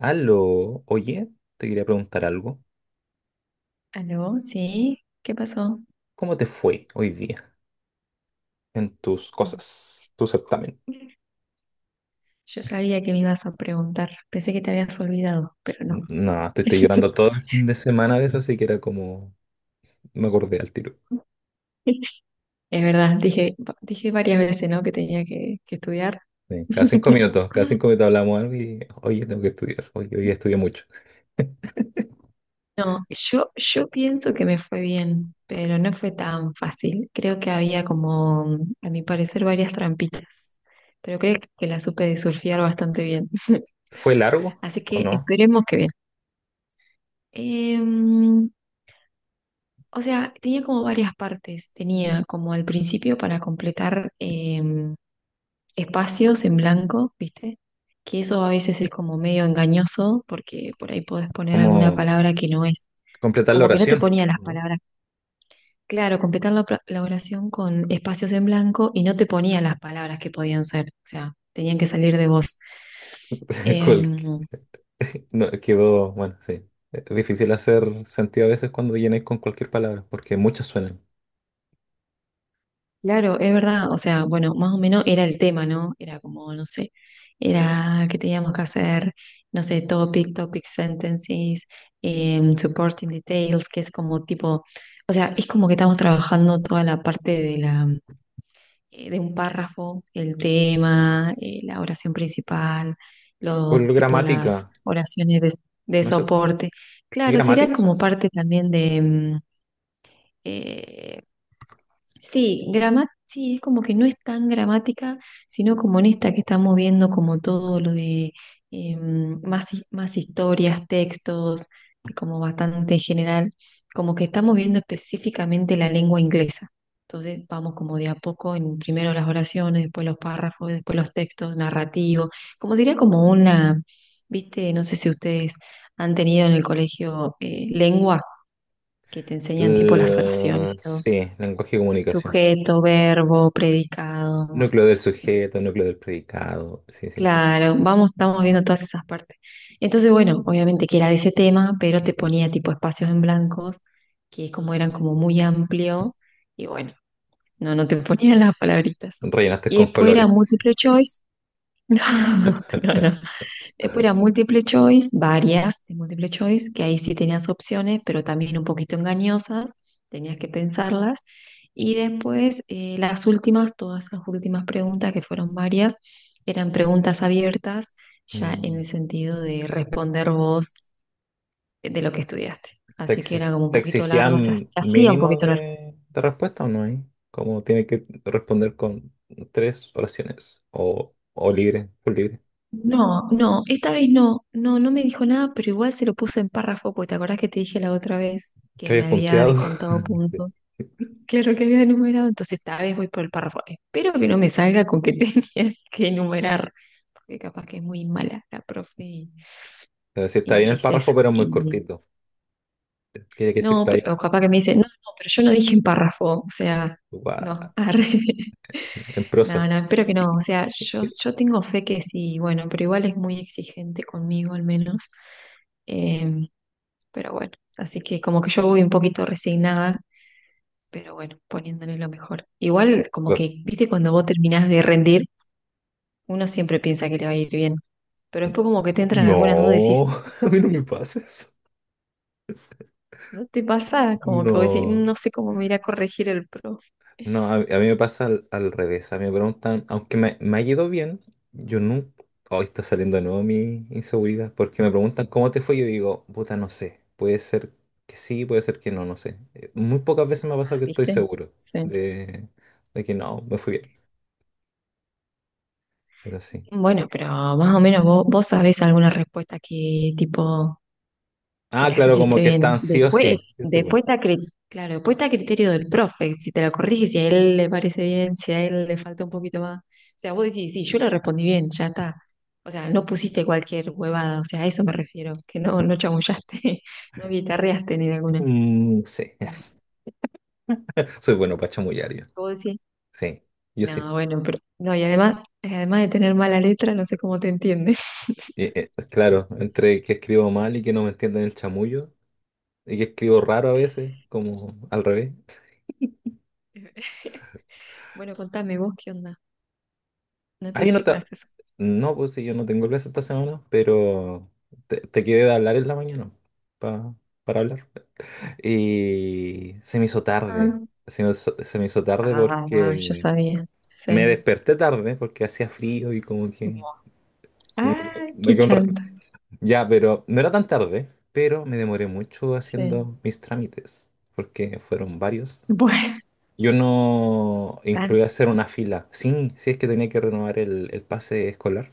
Aló, oye, te quería preguntar algo. ¿Aló? ¿Sí? ¿Qué pasó? ¿Cómo te fue hoy día en tus Mm. cosas, tu certamen? Yo sabía que me ibas a preguntar. Pensé que te habías olvidado, pero no. No, estoy llorando todo el fin de semana de eso, así que era como, me acordé al tiro. Es verdad, dije varias veces, ¿no? Que tenía que estudiar. Sí, cada cinco minutos, cada cinco minutos, hablamos algo y, oye, tengo que estudiar, oye, hoy día estudié mucho. No, yo pienso que me fue bien, pero no fue tan fácil. Creo que había como, a mi parecer, varias trampitas, pero creo que la supe de surfear bastante bien. ¿Fue largo Así o que no? esperemos que bien. Em, O sea, tenía como varias partes. Tenía como al principio para completar espacios en blanco, ¿viste? Que eso a veces es como medio engañoso porque por ahí podés poner alguna ¿Cómo palabra que no es. completar la Como que no te oración? ponía las ¿No? palabras. Claro, completar la oración con espacios en blanco y no te ponía las palabras que podían ser. O sea, tenían que salir de vos. Eh, Cualque- no, quedó, bueno, sí. Es difícil hacer sentido a veces cuando llenáis con cualquier palabra, porque muchas suenan. Claro, es verdad, o sea, bueno, más o menos era el tema, ¿no? Era como, no sé, era que teníamos que hacer, no sé, topic sentences, supporting details, que es como tipo, o sea, es como que estamos trabajando toda la parte de un párrafo, el tema, la oración principal, Por los, tipo, gramática, las oraciones de no sé. soporte. ¿Es Claro, sería gramática eso? como parte también de, eh, sí, sí, es como que no es tan gramática, sino como en esta que estamos viendo, como todo lo de más, más historias, textos, como bastante general, como que estamos viendo específicamente la lengua inglesa. Entonces vamos como de a poco en primero las oraciones, después los párrafos, después los textos narrativos, como sería como una, viste, no sé si ustedes han tenido en el colegio lengua, que te enseñan tipo las oraciones y todo. Sí, lenguaje de comunicación. Sujeto, verbo, predicado, bueno, Núcleo del eso. sujeto, núcleo del predicado. Sí, sí, sí. Claro, vamos, estamos viendo todas esas partes. Entonces, bueno, obviamente que era de ese tema, pero te ponía tipo espacios en blancos, que como eran como muy amplio, y bueno, no, no te ponían las palabritas. Rellenaste Y con después era colores. multiple choice. No, no, no. Después era multiple choice, varias de multiple choice, que ahí sí tenías opciones, pero también un poquito engañosas, tenías que pensarlas. Y después las últimas, todas las últimas preguntas, que fueron varias, eran preguntas abiertas, ya en Mm. el sentido de responder vos de lo que estudiaste. ¿Te Así que exi- era como un te poquito largo, se, ha- exigían se hacía un mínimo poquito largo. de respuesta o no hay. Como tiene que responder con 3 oraciones o libre, por libre. No, no, esta vez no, no, no me dijo nada, pero igual se lo puso en párrafo, porque te acordás que te dije la otra vez ¿Qué que habías me había punteado? descontado Sí. puntos. Claro que había enumerado, entonces esta vez voy por el párrafo. Espero que no me salga con que tenía que enumerar, porque capaz que es muy mala la profe y, Pero sí, está y bien me el dice eso. párrafo, pero muy Y, cortito. Quería que se no, pero o explayara capaz más. que me dice, no, no, pero yo no dije en párrafo, o sea, no, Guau, arre. en No, prosa. no, espero que no, o sea, yo tengo fe que sí, bueno, pero igual es muy exigente conmigo al menos. Em, pero bueno, así que como que yo voy un poquito resignada pero bueno, poniéndole lo mejor. Igual, como que, viste, cuando vos terminás de rendir, uno siempre piensa que le va a ir bien, pero después como que te entran algunas dudas y No, decís, a mí no "Mm, me pases. ¿no te pasa?" Como que vos decís, "Mm, No. no sé cómo me irá a corregir el profe". No, a mí me pasa al revés. A mí me preguntan, aunque me ha ido bien, yo nunca. Hoy está saliendo de nuevo mi inseguridad, porque me preguntan cómo te fue. Yo digo, puta, no sé. Puede ser que sí, puede ser que no, no sé. Muy pocas veces me ha pasado Ah, que estoy ¿viste? seguro Sí. de, de que no, me fui bien. Pero sí. Es Bueno, raro. pero más o menos vos sabés alguna respuesta que tipo que Ah, las claro, como hiciste que bien. están sí o Después, sí. Sí soy bueno. después está, claro, después está a criterio del profe, si te la corrige, si a él le parece bien, si a él le falta un poquito más. O sea, vos decís, sí, yo le respondí bien, ya está. O sea, no pusiste cualquier huevada, o sea, a eso me refiero, que no, no chamullaste, no guitarreaste ni de alguna. Mm, sí, Pero yes. Soy bueno para chamullar yo. vos decís, Sí, yo sí. no, bueno, pero no, y además de tener mala letra, no sé cómo te entiendes. Claro, entre que escribo mal y que no me entienden el chamullo. Y que escribo raro a veces, como al revés. Bueno, contame vos qué onda. ¿No Ay, no tuviste está. clases? No, pues sí, yo no tengo clase esta semana, pero te quedé de hablar en la mañana pa- para hablar. Y se me hizo tarde. Ah. Se me hizo tarde Ah, yo porque sabía, me sí. desperté tarde porque hacía frío y como que Ah, me qué quedé un rato. chanta, Ya, pero no era tan tarde, pero me demoré mucho sí. haciendo mis trámites porque fueron varios. Bueno, Yo no tan, incluía hacer una fila. Sí, sí es que tenía que renovar el pase escolar.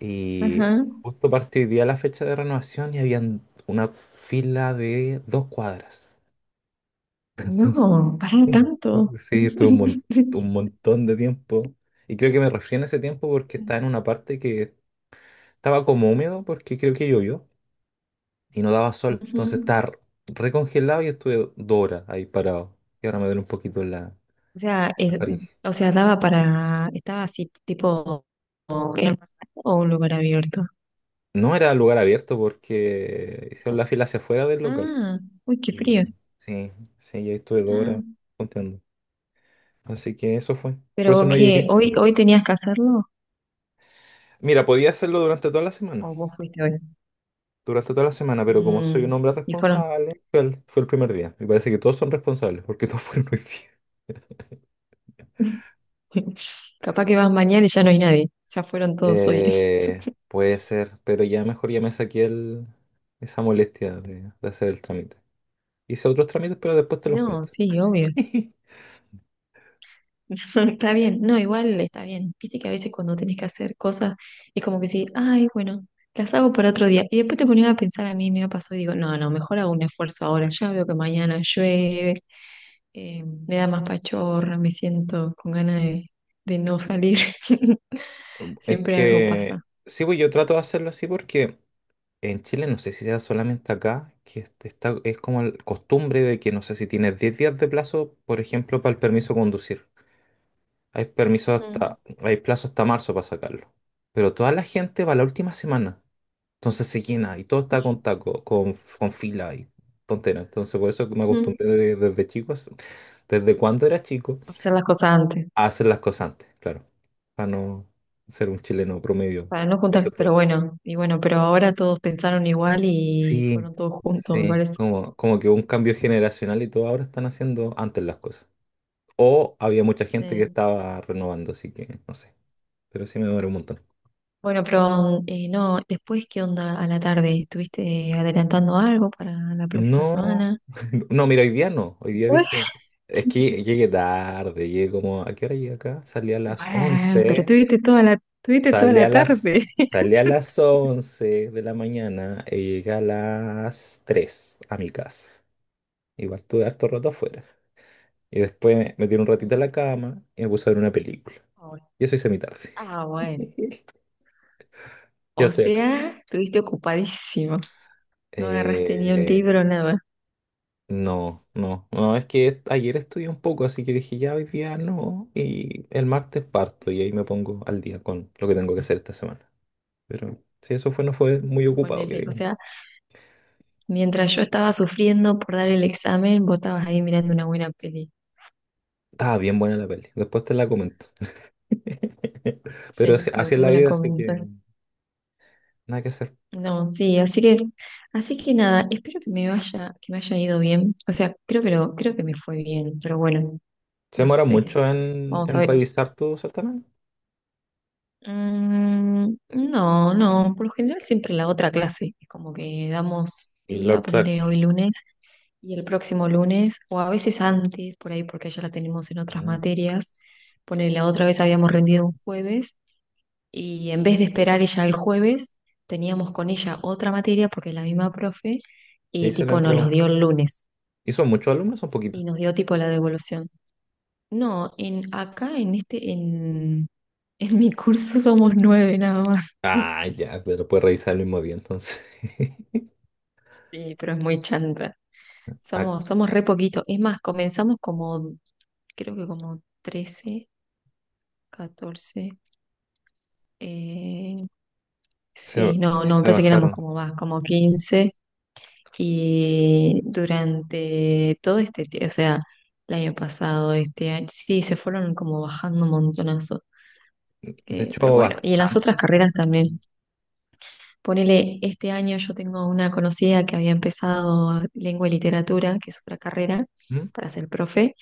Y ajá. justo partió hoy día la fecha de renovación y habían una fila de 2 cuadras. No, para Sí, tanto. sí, estuve un, mon- un montón de tiempo. Y creo que me refiero a ese tiempo porque Sí. estaba en una parte que estaba como húmedo porque creo que llovió y no daba sol. Ujú. Entonces estaba recongelado y estuve 2 horas ahí parado. Y ahora me duele un poquito la, O sea, la eh, faringe. o sea, daba para, estaba así, tipo, ¿era un pasaje o un lugar abierto? No era lugar abierto porque hicieron la fila hacia afuera del local. Ah, uy, qué Y frío. sí, sí, yo estuve dos Ah, horas contando. Así que eso fue. Por eso pero no ¿qué? llegué. ¿Hoy tenías que hacerlo? Mira, podía hacerlo durante toda la semana. ¿O vos fuiste hoy? Durante toda la semana, pero como soy un Mm, hombre y fueron. responsable, fue el primer día. Me parece que todos son responsables porque todos fueron hoy día. Capaz que vas mañana y ya no hay nadie. Ya fueron todos hoy. Puede ser, pero ya mejor ya me saqué esa molestia de hacer el trámite. Hice otros trámites, pero después te los No, cuento. sí, obvio. Está bien. No, igual está bien. Viste que a veces cuando tenés que hacer cosas es como que sí, ay, bueno, las hago para otro día. Y después te ponías a pensar a mí, me ha pasado y digo, no, no, mejor hago un esfuerzo ahora. Ya veo que mañana llueve, me da más pachorra, me siento con ganas de no salir. Es Siempre algo que pasa. sí, pues yo trato de hacerlo así porque en Chile no sé si será solamente acá, que está, es como costumbre de que no sé si tienes 10 días de plazo, por ejemplo, para el permiso de conducir. Mm. Hay plazo hasta marzo para sacarlo. Pero toda la gente va la última semana. Entonces se llena y todo está con taco, con fila y tontera. Entonces por eso que me Mm. acostumbré desde cuando era chico, Hacer las cosas antes. a hacer las cosas antes, claro. Para no ser un chileno promedio. Para no juntarse, pero bueno, y bueno, pero ahora todos pensaron igual y Sí, fueron todos juntos, me sí, parece. como que hubo un cambio generacional y todo ahora están haciendo antes las cosas. O había mucha gente que Sí. estaba renovando, así que no sé. Pero sí me duele un montón. Bueno, pero no, después, ¿qué onda a la tarde? ¿Estuviste adelantando algo para la próxima No, semana? no, mira, hoy día no. Hoy día Bueno, dije, es que llegué tarde, llegué como, ¿a qué hora llegué acá? Bueno, pero tuviste toda salí a la las, tarde. salí a las once de la mañana y llegué a las 3 a mi casa. Igual estuve harto rato afuera. Y después me metí un ratito a Ujú. la cama y me puse a ver una película. Ah, bueno. Yo soy semitarde. Ah, bueno. Yo O estoy acá. sea, estuviste ocupadísimo. No agarraste ni un Eh, libro, nada. no, no, no, es que ayer estudié un poco, así que dije ya hoy día no, y el martes parto y ahí me pongo al día con lo que tengo que hacer esta semana. Pero si eso fue, no fue muy ocupado, que Ponele. O digo. sea, mientras yo estaba sufriendo por dar el examen, vos estabas ahí mirando una buena peli. Estaba bien buena la peli, después te la comento. Sí, Pero así así es después la me la vida, así que comentas. nada que hacer. No, sí, así que nada, espero que me vaya, que me haya ido bien. O sea, creo que me fue bien, pero bueno, Se no demora sé. mucho en, Vamos a en ver. revisar tu certamen. No, no, por lo general siempre la otra clase, es como que damos Y la día, otra, ponele hoy lunes y el próximo lunes, o a veces antes, por ahí porque ya la tenemos en otras mm. materias, ponele la otra vez habíamos rendido un jueves y en vez de esperar ella el jueves, teníamos con ella otra materia porque es la misma profe ¿Qué y hice la tipo nos entregó? los dio el lunes ¿Hizo muchos alumnos o poquitos? y nos dio tipo la devolución. No, en acá en este, en mi curso somos nueve nada más. Ah, ya, pero puedes revisar el mismo día entonces. Sí, pero es muy chanta. Ah, Somos re poquito. Es más, comenzamos como, creo que como 13, 14. eh, se, sí, no, no, me se parece que éramos bajaron. como más, como 15. Y durante todo este, o sea, el año pasado, este año, sí, se fueron como bajando un montonazo. De Pero hecho, bueno, y en las otras bastante se carreras también. bajaron. Ponele, este año yo tengo una conocida que había empezado lengua y literatura, que es otra carrera ¿Mm? para ser profe,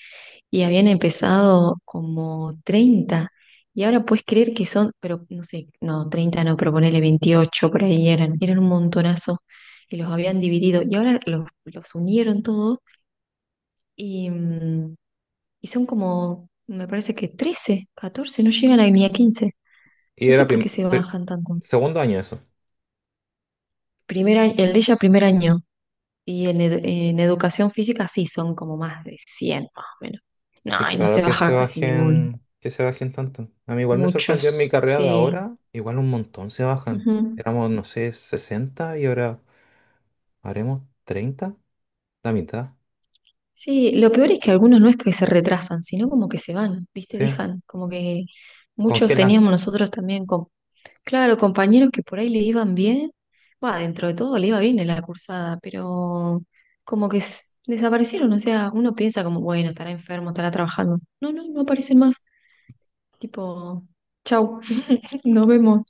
y habían empezado como 30. Y ahora puedes creer que son, pero no sé, no, 30 no, pero ponele 28, por ahí eran, eran un montonazo y los habían dividido. Y ahora los unieron todos y, y son como, me parece que 13, 14 no llegan a, ni a 15. Y No sé era por qué se bajan tanto. segundo año eso. Primer, el de ella primer año, y en, en educación física sí, son como más de 100 más o menos. Así No, que y no se raro que se baja casi ninguno. bajen, que se bajen tanto. A mí igual me sorprendió en mi Muchos, carrera de sí. ahora, igual un montón se bajan. Ujú. Éramos, no sé, 60 y ahora haremos 30, la mitad. Sí, lo peor es que algunos no es que se retrasan, sino como que se van, ¿viste? Sí, Dejan, como que muchos congelan. teníamos nosotros también, con, claro, compañeros que por ahí le iban bien, va, dentro de todo le iba bien en la cursada, pero como que desaparecieron, o sea, uno piensa como, bueno, estará enfermo, estará trabajando. No, no, no aparecen más. Tipo, chau, nos vemos.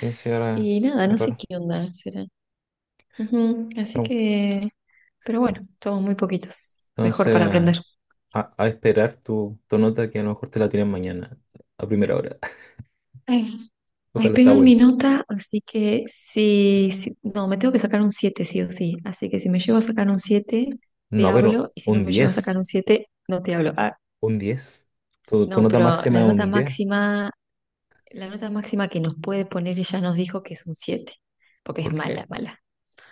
Sí, sí, ahora Y nada, es no sé raro. qué onda será. Ujú, así Pero bueno. que, pero bueno, somos muy poquitos. Mejor para Entonces. aprender. A esperar tu nota que a lo mejor te la tienen mañana, a primera hora. Ay, ay, Ojalá sea pegué mi buena. nota, así que sí, no, me tengo que sacar un 7, sí o sí. Así que si me llevo a sacar un 7 te No, pero hablo, y si no un me llevo a sacar un diez 7 no te hablo. Ah, un diez Tu, no, tu nota pero máxima es un 10. La nota máxima que nos puede poner ella nos dijo que es un 7, porque es Porque, mala, mala.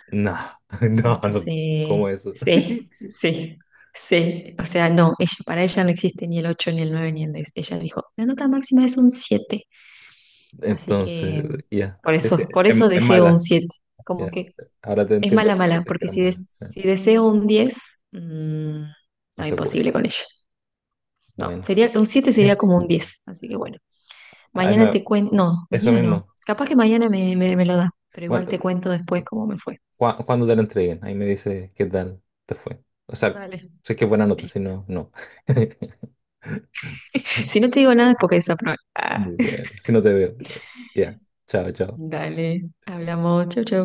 no, no, no, Entonces, ¿cómo eso? sí, sí, sí. O sea, no, ella, para ella no existe ni el 8 ni el 9 ni el 10. Ella dijo, la nota máxima es un siete. Así Entonces, que ya, sí, sí, por es, eso es deseo un mala. 7. Como Yes. que Ahora te es entiendo mala, por qué mala, dices que porque era si, mala. Si deseo un 10 No no, se puede. imposible con ella. No, Bueno, sería, un 7 sería como un 10. Así que bueno, ahí mañana me- te cuento. No, eso mañana no. mismo. Capaz que mañana me lo da, pero igual Bueno, te cuento después cómo me fue. Cuando te la entreguen, ahí me dice qué tal te fue. O sea, Vale sé que es buena nota, si listo. no, no. Si no te digo nada es porque desaprobé. Bueno, si no te veo, bueno, ya. Chao, chao. Dale, hablamos, chau, chau.